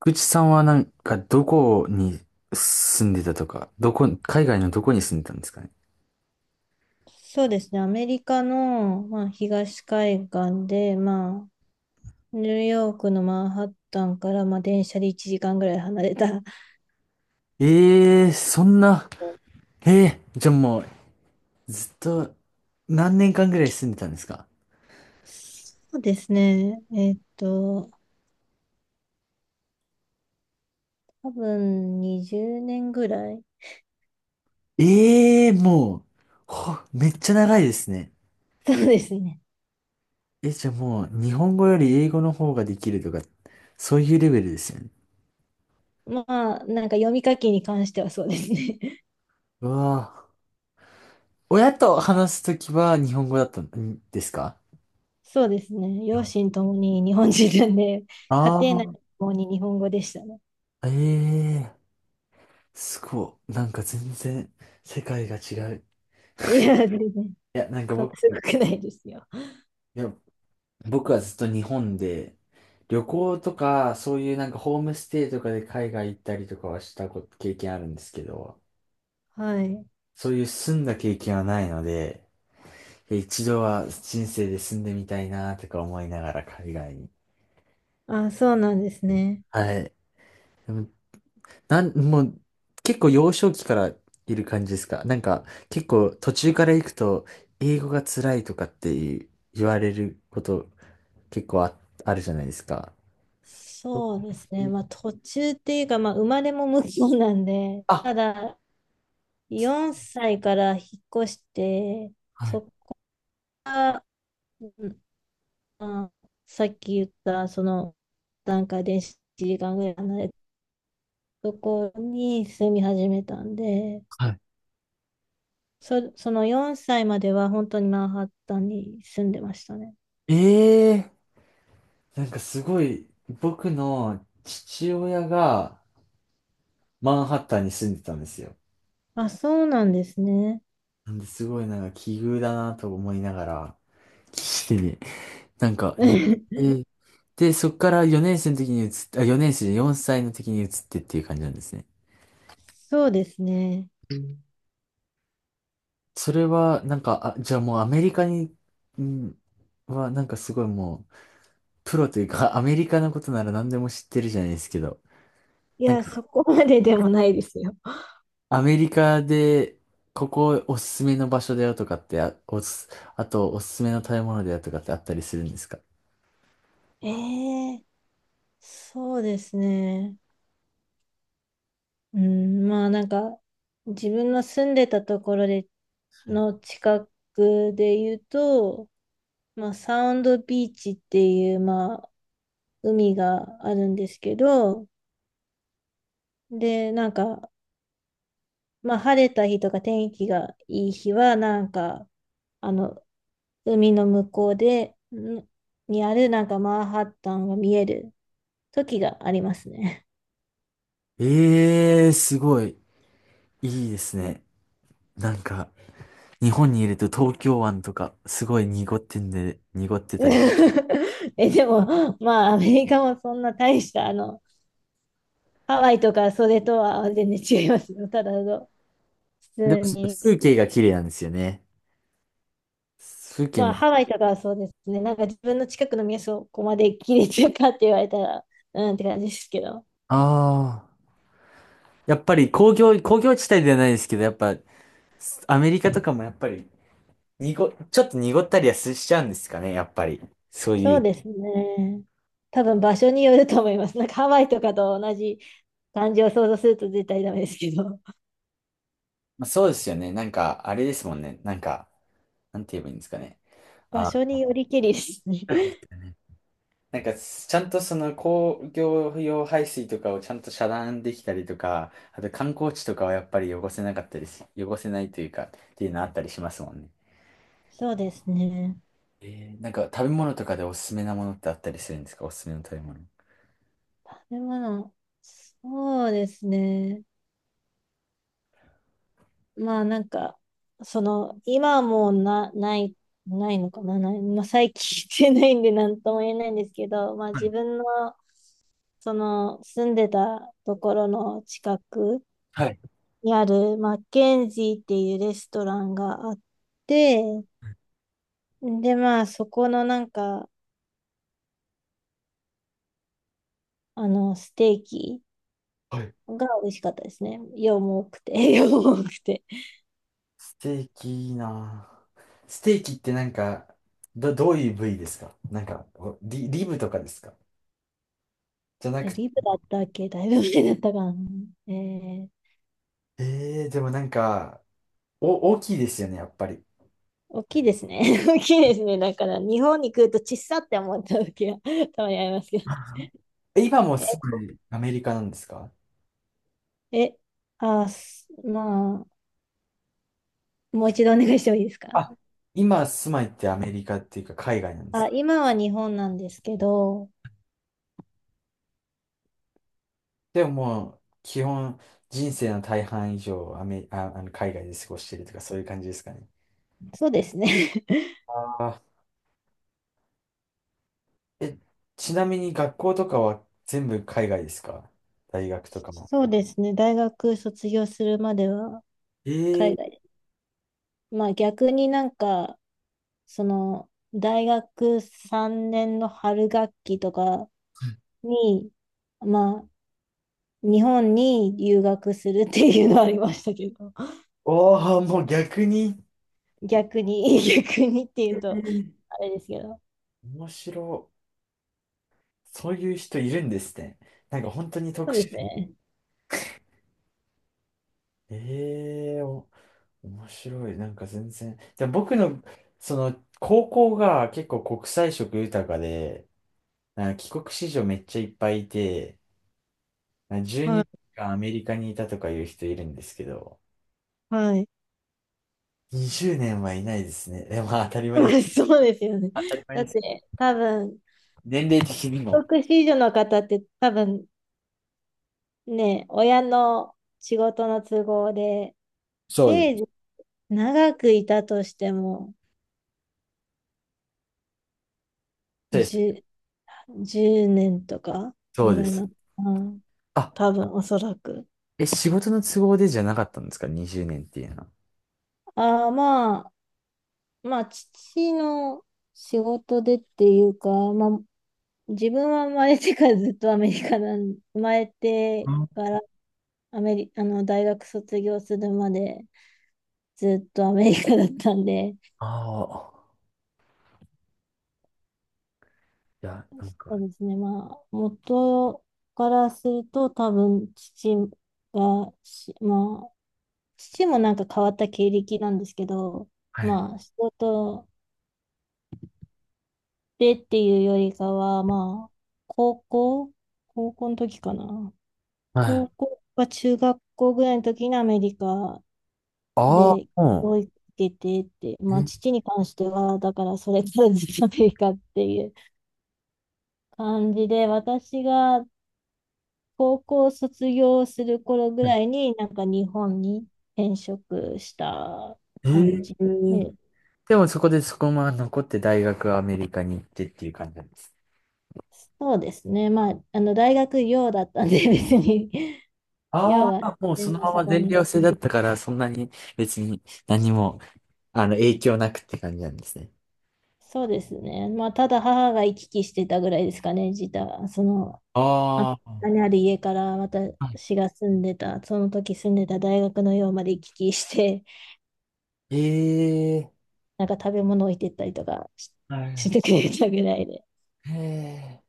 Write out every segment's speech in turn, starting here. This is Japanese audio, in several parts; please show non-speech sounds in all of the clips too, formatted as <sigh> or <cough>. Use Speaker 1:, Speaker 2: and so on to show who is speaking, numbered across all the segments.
Speaker 1: 口さんはなんかどこに住んでたとか、どこ、海外のどこに住んでたんですかね。
Speaker 2: そうですね。アメリカの、まあ、東海岸で、まあ、ニューヨークのマンハッタンから、まあ、電車で1時間ぐらい離れた。<laughs>
Speaker 1: ええー、そんな、ええー、じゃあもうずっと何年間ぐらい住んでたんですか。
Speaker 2: そうですね。多分20年ぐらい。
Speaker 1: ええー、もう、ほめっちゃ長いですね。
Speaker 2: そうですね。
Speaker 1: え、じゃあもう日本語より英語の方ができるとか、そういうレベルですよね。
Speaker 2: まあ、なんか読み書きに関してはそうですね。<laughs>
Speaker 1: うわあ。親と話すときは日本語だったんですか？
Speaker 2: そうですね。両親ともに日本人なんで、家庭内
Speaker 1: あ
Speaker 2: ともに日本語でしたね。
Speaker 1: あー、ええー、すごい。なんか全然世界が違う。
Speaker 2: いや、全然、
Speaker 1: いや、
Speaker 2: そん
Speaker 1: 僕、
Speaker 2: なすごくないですよ。
Speaker 1: や、僕はずっと日本で、旅行とか、そういうなんかホームステイとかで海外行ったりとかはしたこと経験あるんですけど、
Speaker 2: はい。
Speaker 1: そういう住んだ経験はないので、一度は人生で住んでみたいなとか思いながら海外に。
Speaker 2: あ、そうなんですね。
Speaker 1: はい。でもなん、もう結構幼少期からいる感じですか？なんか結構途中から行くと英語が辛いとかっていう言われること結構あ、あるじゃないですか。ど
Speaker 2: そうですね。まあ途中っていうか、まあ生まれも向こうなんで、
Speaker 1: あ
Speaker 2: た
Speaker 1: う
Speaker 2: だ4歳から引っ越して、
Speaker 1: は
Speaker 2: そ
Speaker 1: い。
Speaker 2: っから、うん、まあさっき言ったその段階で1時間ぐらい離れたところに住み始めたんで、
Speaker 1: は
Speaker 2: その4歳までは本当にマンハッタンに住んでましたね。
Speaker 1: い。ええ、なんかすごい、僕の父親がマンハッタンに住んでたんですよ。
Speaker 2: あ、そうなんですね。
Speaker 1: なんですごいなんか奇遇だなと思いながら、してね。なんか、え、え
Speaker 2: <laughs>
Speaker 1: ーで、そっから4年生の時に移って、あ、4年生で歳の時に移ってっていう感じなんですね。
Speaker 2: そうですね。
Speaker 1: うん。それは、なんか、あ、じゃあもうアメリカに、んなんかすごいもう、プロというか、アメリカのことなら何でも知ってるじゃないですけど、
Speaker 2: い
Speaker 1: なん
Speaker 2: や、
Speaker 1: か
Speaker 2: そこまででもないですよ。
Speaker 1: アメリカで、ここおすすめの場所だよとかって、あとおすすめの食べ物だよとかってあったりするんですか？
Speaker 2: ええ、そうですね。うん、まあなんか、自分の住んでたところでの近くで言うと、まあサウンドビーチっていう、まあ海があるんですけど、で、なんか、まあ晴れた日とか天気がいい日は、なんか、あの、海の向こうで、にあるなんかマンハッタンが見える時がありますね。
Speaker 1: ええー、すごい、いいですね。なんか、日本にいると東京湾とか、すごい濁ってんで、濁ってたり。
Speaker 2: <laughs> え、でも、まあ、アメリカもそんな大した、あの、ハワイとかそれとは全然違いますよ。ただの、普
Speaker 1: でも
Speaker 2: 通
Speaker 1: その
Speaker 2: に。
Speaker 1: 風景が綺麗なんですよね。風景
Speaker 2: まあ、
Speaker 1: も。
Speaker 2: ハワイとかはそうですね。なんか自分の近くの店をここまで切れてるかって言われたら、うんって感じですけど。
Speaker 1: ああ。やっぱり工業地帯ではないですけど、やっぱ、アメリカとかもやっぱり、ちょっと濁ったりはしちゃうんですかね、やっぱり。そう
Speaker 2: そ
Speaker 1: い
Speaker 2: う
Speaker 1: う。
Speaker 2: ですね。多分場所によると思います。なんかハワイとかと同じ感じを想像すると絶対ダメですけど。
Speaker 1: まあ、そうですよね。なんか、あれですもんね。なんか、なんて言えばいいんですかね。
Speaker 2: 場
Speaker 1: あ、
Speaker 2: 所によりけりですね。<laughs>
Speaker 1: なんか、ちゃんとその工業用排水とかをちゃんと遮断できたりとか、あと観光地とかはやっぱり汚せないというか、っていうのあったりしますもんね。
Speaker 2: そうですね。
Speaker 1: えー、なんか食べ物とかでおすすめなものってあったりするんですか？おすすめの食べ物。
Speaker 2: 食べ物。そうですね。まあなんか、その、今はもうないのかな、ない、まあ、最近してないんで何とも言えないんですけど、<laughs> まあ
Speaker 1: は
Speaker 2: 自
Speaker 1: い。
Speaker 2: 分の、その、住んでたところの近く
Speaker 1: はい。
Speaker 2: にある、マッケンジーっていうレストランがあって、でまあそこのなんか、あの、ステーキ
Speaker 1: はい。
Speaker 2: が美味しかったですね。量も多くて、<laughs> 量も多くて。
Speaker 1: ステーキいいなぁ。ステーキってなんか、どういう部位ですか？なんか、リブとかですか？じゃな
Speaker 2: で、
Speaker 1: く、
Speaker 2: リブだったっけ、だいぶ前だったかな。え、
Speaker 1: ええ、でもなんか、お、大きいですよね、やっぱり。
Speaker 2: 大きいですね。<laughs> 大きいですね。だから、日本に来ると小さって思った時は <laughs> たまにありますけど
Speaker 1: え、今も住
Speaker 2: ね。
Speaker 1: まい、アメリカなんですか？
Speaker 2: え、え、あ、すまあ、もう一度お願いしてもいいですか？
Speaker 1: あ、今住まいってアメリカっていうか海外なんです
Speaker 2: あ、
Speaker 1: か？
Speaker 2: 今は日本なんですけど、
Speaker 1: でももう、基本、人生の大半以上、アメ、あ、あの海外で過ごしてるとか、そういう感じですかね。
Speaker 2: そうですね。<laughs>
Speaker 1: ああ。え、ちなみに学校とかは全部海外ですか？大学とかも。
Speaker 2: そうですね。大学卒業するまでは
Speaker 1: え
Speaker 2: 海
Speaker 1: え。
Speaker 2: 外。まあ逆になんか、その、大学3年の春学期とかに、まあ、日本に留学するっていうのはありましたけど。
Speaker 1: おお、もう逆に、
Speaker 2: 逆に、<laughs> 逆にってい
Speaker 1: え
Speaker 2: うと、
Speaker 1: ー、
Speaker 2: あれですけど。
Speaker 1: 面白い。そういう人いるんですね。なんか本当に
Speaker 2: そ
Speaker 1: 特
Speaker 2: うで
Speaker 1: 殊。
Speaker 2: すね。
Speaker 1: ええお、面白い。なんか全然。でも僕の、その、高校が結構国際色豊かで、なんか帰国子女めっちゃいっぱいいて、なんか12
Speaker 2: は
Speaker 1: 年
Speaker 2: い。
Speaker 1: 間アメリカにいたとかいう人いるんですけど、
Speaker 2: はい。
Speaker 1: 20年はいないですね。でも当たり前です。
Speaker 2: <laughs> そうですよね。
Speaker 1: 当たり前
Speaker 2: だ
Speaker 1: で
Speaker 2: っ
Speaker 1: す。
Speaker 2: て、多分、
Speaker 1: 年齢的に
Speaker 2: 帰
Speaker 1: も。
Speaker 2: 国子女の方って多分ね、親の仕事の都合で、
Speaker 1: そうで
Speaker 2: せい
Speaker 1: す。
Speaker 2: ぜい長くいたとしても、
Speaker 1: そうです。
Speaker 2: 10、年とか
Speaker 1: そ
Speaker 2: ぐ
Speaker 1: うで
Speaker 2: らいな
Speaker 1: す。
Speaker 2: の、うん、
Speaker 1: あ、
Speaker 2: 多分、おそらく。
Speaker 1: え、仕事の都合でじゃなかったんですか ?20 年っていうのは。
Speaker 2: ああ、まあ、まあ、父の仕事でっていうか、まあ、自分は生まれてからずっとアメリカなん、<laughs> 生まれてからアメリ、あの、大学卒業するまでずっとアメリカだったんで、
Speaker 1: ああー、いや、なんか、
Speaker 2: そうですね、まあ、元からすると多分父がし、まあ、父もなんか変わった経歴なんですけど、
Speaker 1: はい。
Speaker 2: まあ、仕事でっていうよりかは、まあ、高校、高校の時かな。
Speaker 1: は
Speaker 2: 高
Speaker 1: い。
Speaker 2: 校か中学校ぐらいの時にアメリカ
Speaker 1: あ
Speaker 2: で、
Speaker 1: あ、う
Speaker 2: 教育受けてって、まあ、
Speaker 1: ん。
Speaker 2: 父に関しては、だからそれからずっとアメリカっていう感じで、私が高校卒業する頃ぐ
Speaker 1: はい。
Speaker 2: らいに、なんか日本に転職した
Speaker 1: え
Speaker 2: 感じで、
Speaker 1: ー、でもそこでそこまま残って大学はアメリカに行ってっていう感じなんです。
Speaker 2: そうですね、まあ、あの大学寮だったんで、別に <laughs> 寮
Speaker 1: あ
Speaker 2: があっ
Speaker 1: あ、もう
Speaker 2: て、
Speaker 1: その
Speaker 2: まあ、
Speaker 1: ま
Speaker 2: そ
Speaker 1: ま
Speaker 2: こ
Speaker 1: 全
Speaker 2: に
Speaker 1: 寮制
Speaker 2: 住
Speaker 1: だ
Speaker 2: ん、
Speaker 1: ったから、そんなに別に何も、あの、影響なくって感じなんですね。
Speaker 2: そうですね、まあ、ただ母が行き来してたぐらいですかね、自体、そのまあか
Speaker 1: ああ、
Speaker 2: ある家から
Speaker 1: は
Speaker 2: 私が住んでた、その時住んでた大学の寮まで行き来して、
Speaker 1: い。ええ。
Speaker 2: <laughs> なんか食べ物置いてったりとかし、
Speaker 1: は
Speaker 2: <laughs> し
Speaker 1: い。
Speaker 2: てくれたぐらいで。
Speaker 1: へえ。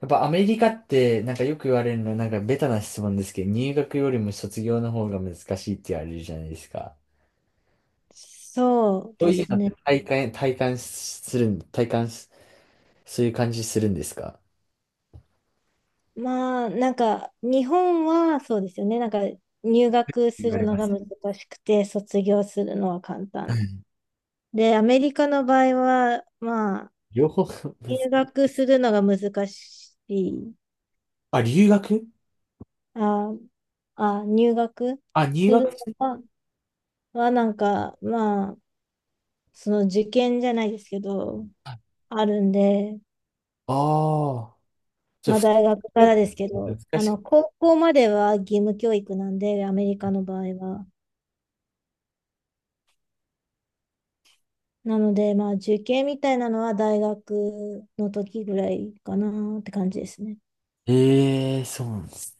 Speaker 1: やっぱアメリカってなんかよく言われるのはなんかベタな質問ですけど、入学よりも卒業の方が難しいって言われるじゃないですか。
Speaker 2: そう
Speaker 1: そう
Speaker 2: で
Speaker 1: いう
Speaker 2: す
Speaker 1: のって
Speaker 2: ね。
Speaker 1: 体感す、そういう感じするんですか？
Speaker 2: まあ、なんか、日本はそうですよね。なんか、入学す
Speaker 1: 言わ
Speaker 2: る
Speaker 1: れ
Speaker 2: の
Speaker 1: ま
Speaker 2: が
Speaker 1: す。
Speaker 2: 難しくて、卒業するのは簡
Speaker 1: う
Speaker 2: 単。
Speaker 1: ん。
Speaker 2: で、アメリカの場合は、まあ、
Speaker 1: 両方 <laughs>
Speaker 2: 入学するのが難しい。
Speaker 1: あ、留学
Speaker 2: あ、入学
Speaker 1: あ、入
Speaker 2: する
Speaker 1: 学、
Speaker 2: のははなんか、まあ、その受験じゃないですけど、あるんで、
Speaker 1: ああー。じゃ
Speaker 2: ま
Speaker 1: あ、
Speaker 2: あ
Speaker 1: 普通
Speaker 2: 大学か
Speaker 1: に
Speaker 2: らですけ
Speaker 1: 留学
Speaker 2: ど、
Speaker 1: 難
Speaker 2: あ
Speaker 1: しい。
Speaker 2: の、高校までは義務教育なんで、アメリカの場合は。なので、まあ受験みたいなのは大学の時ぐらいかなって感じですね。
Speaker 1: ええー、そうなんです。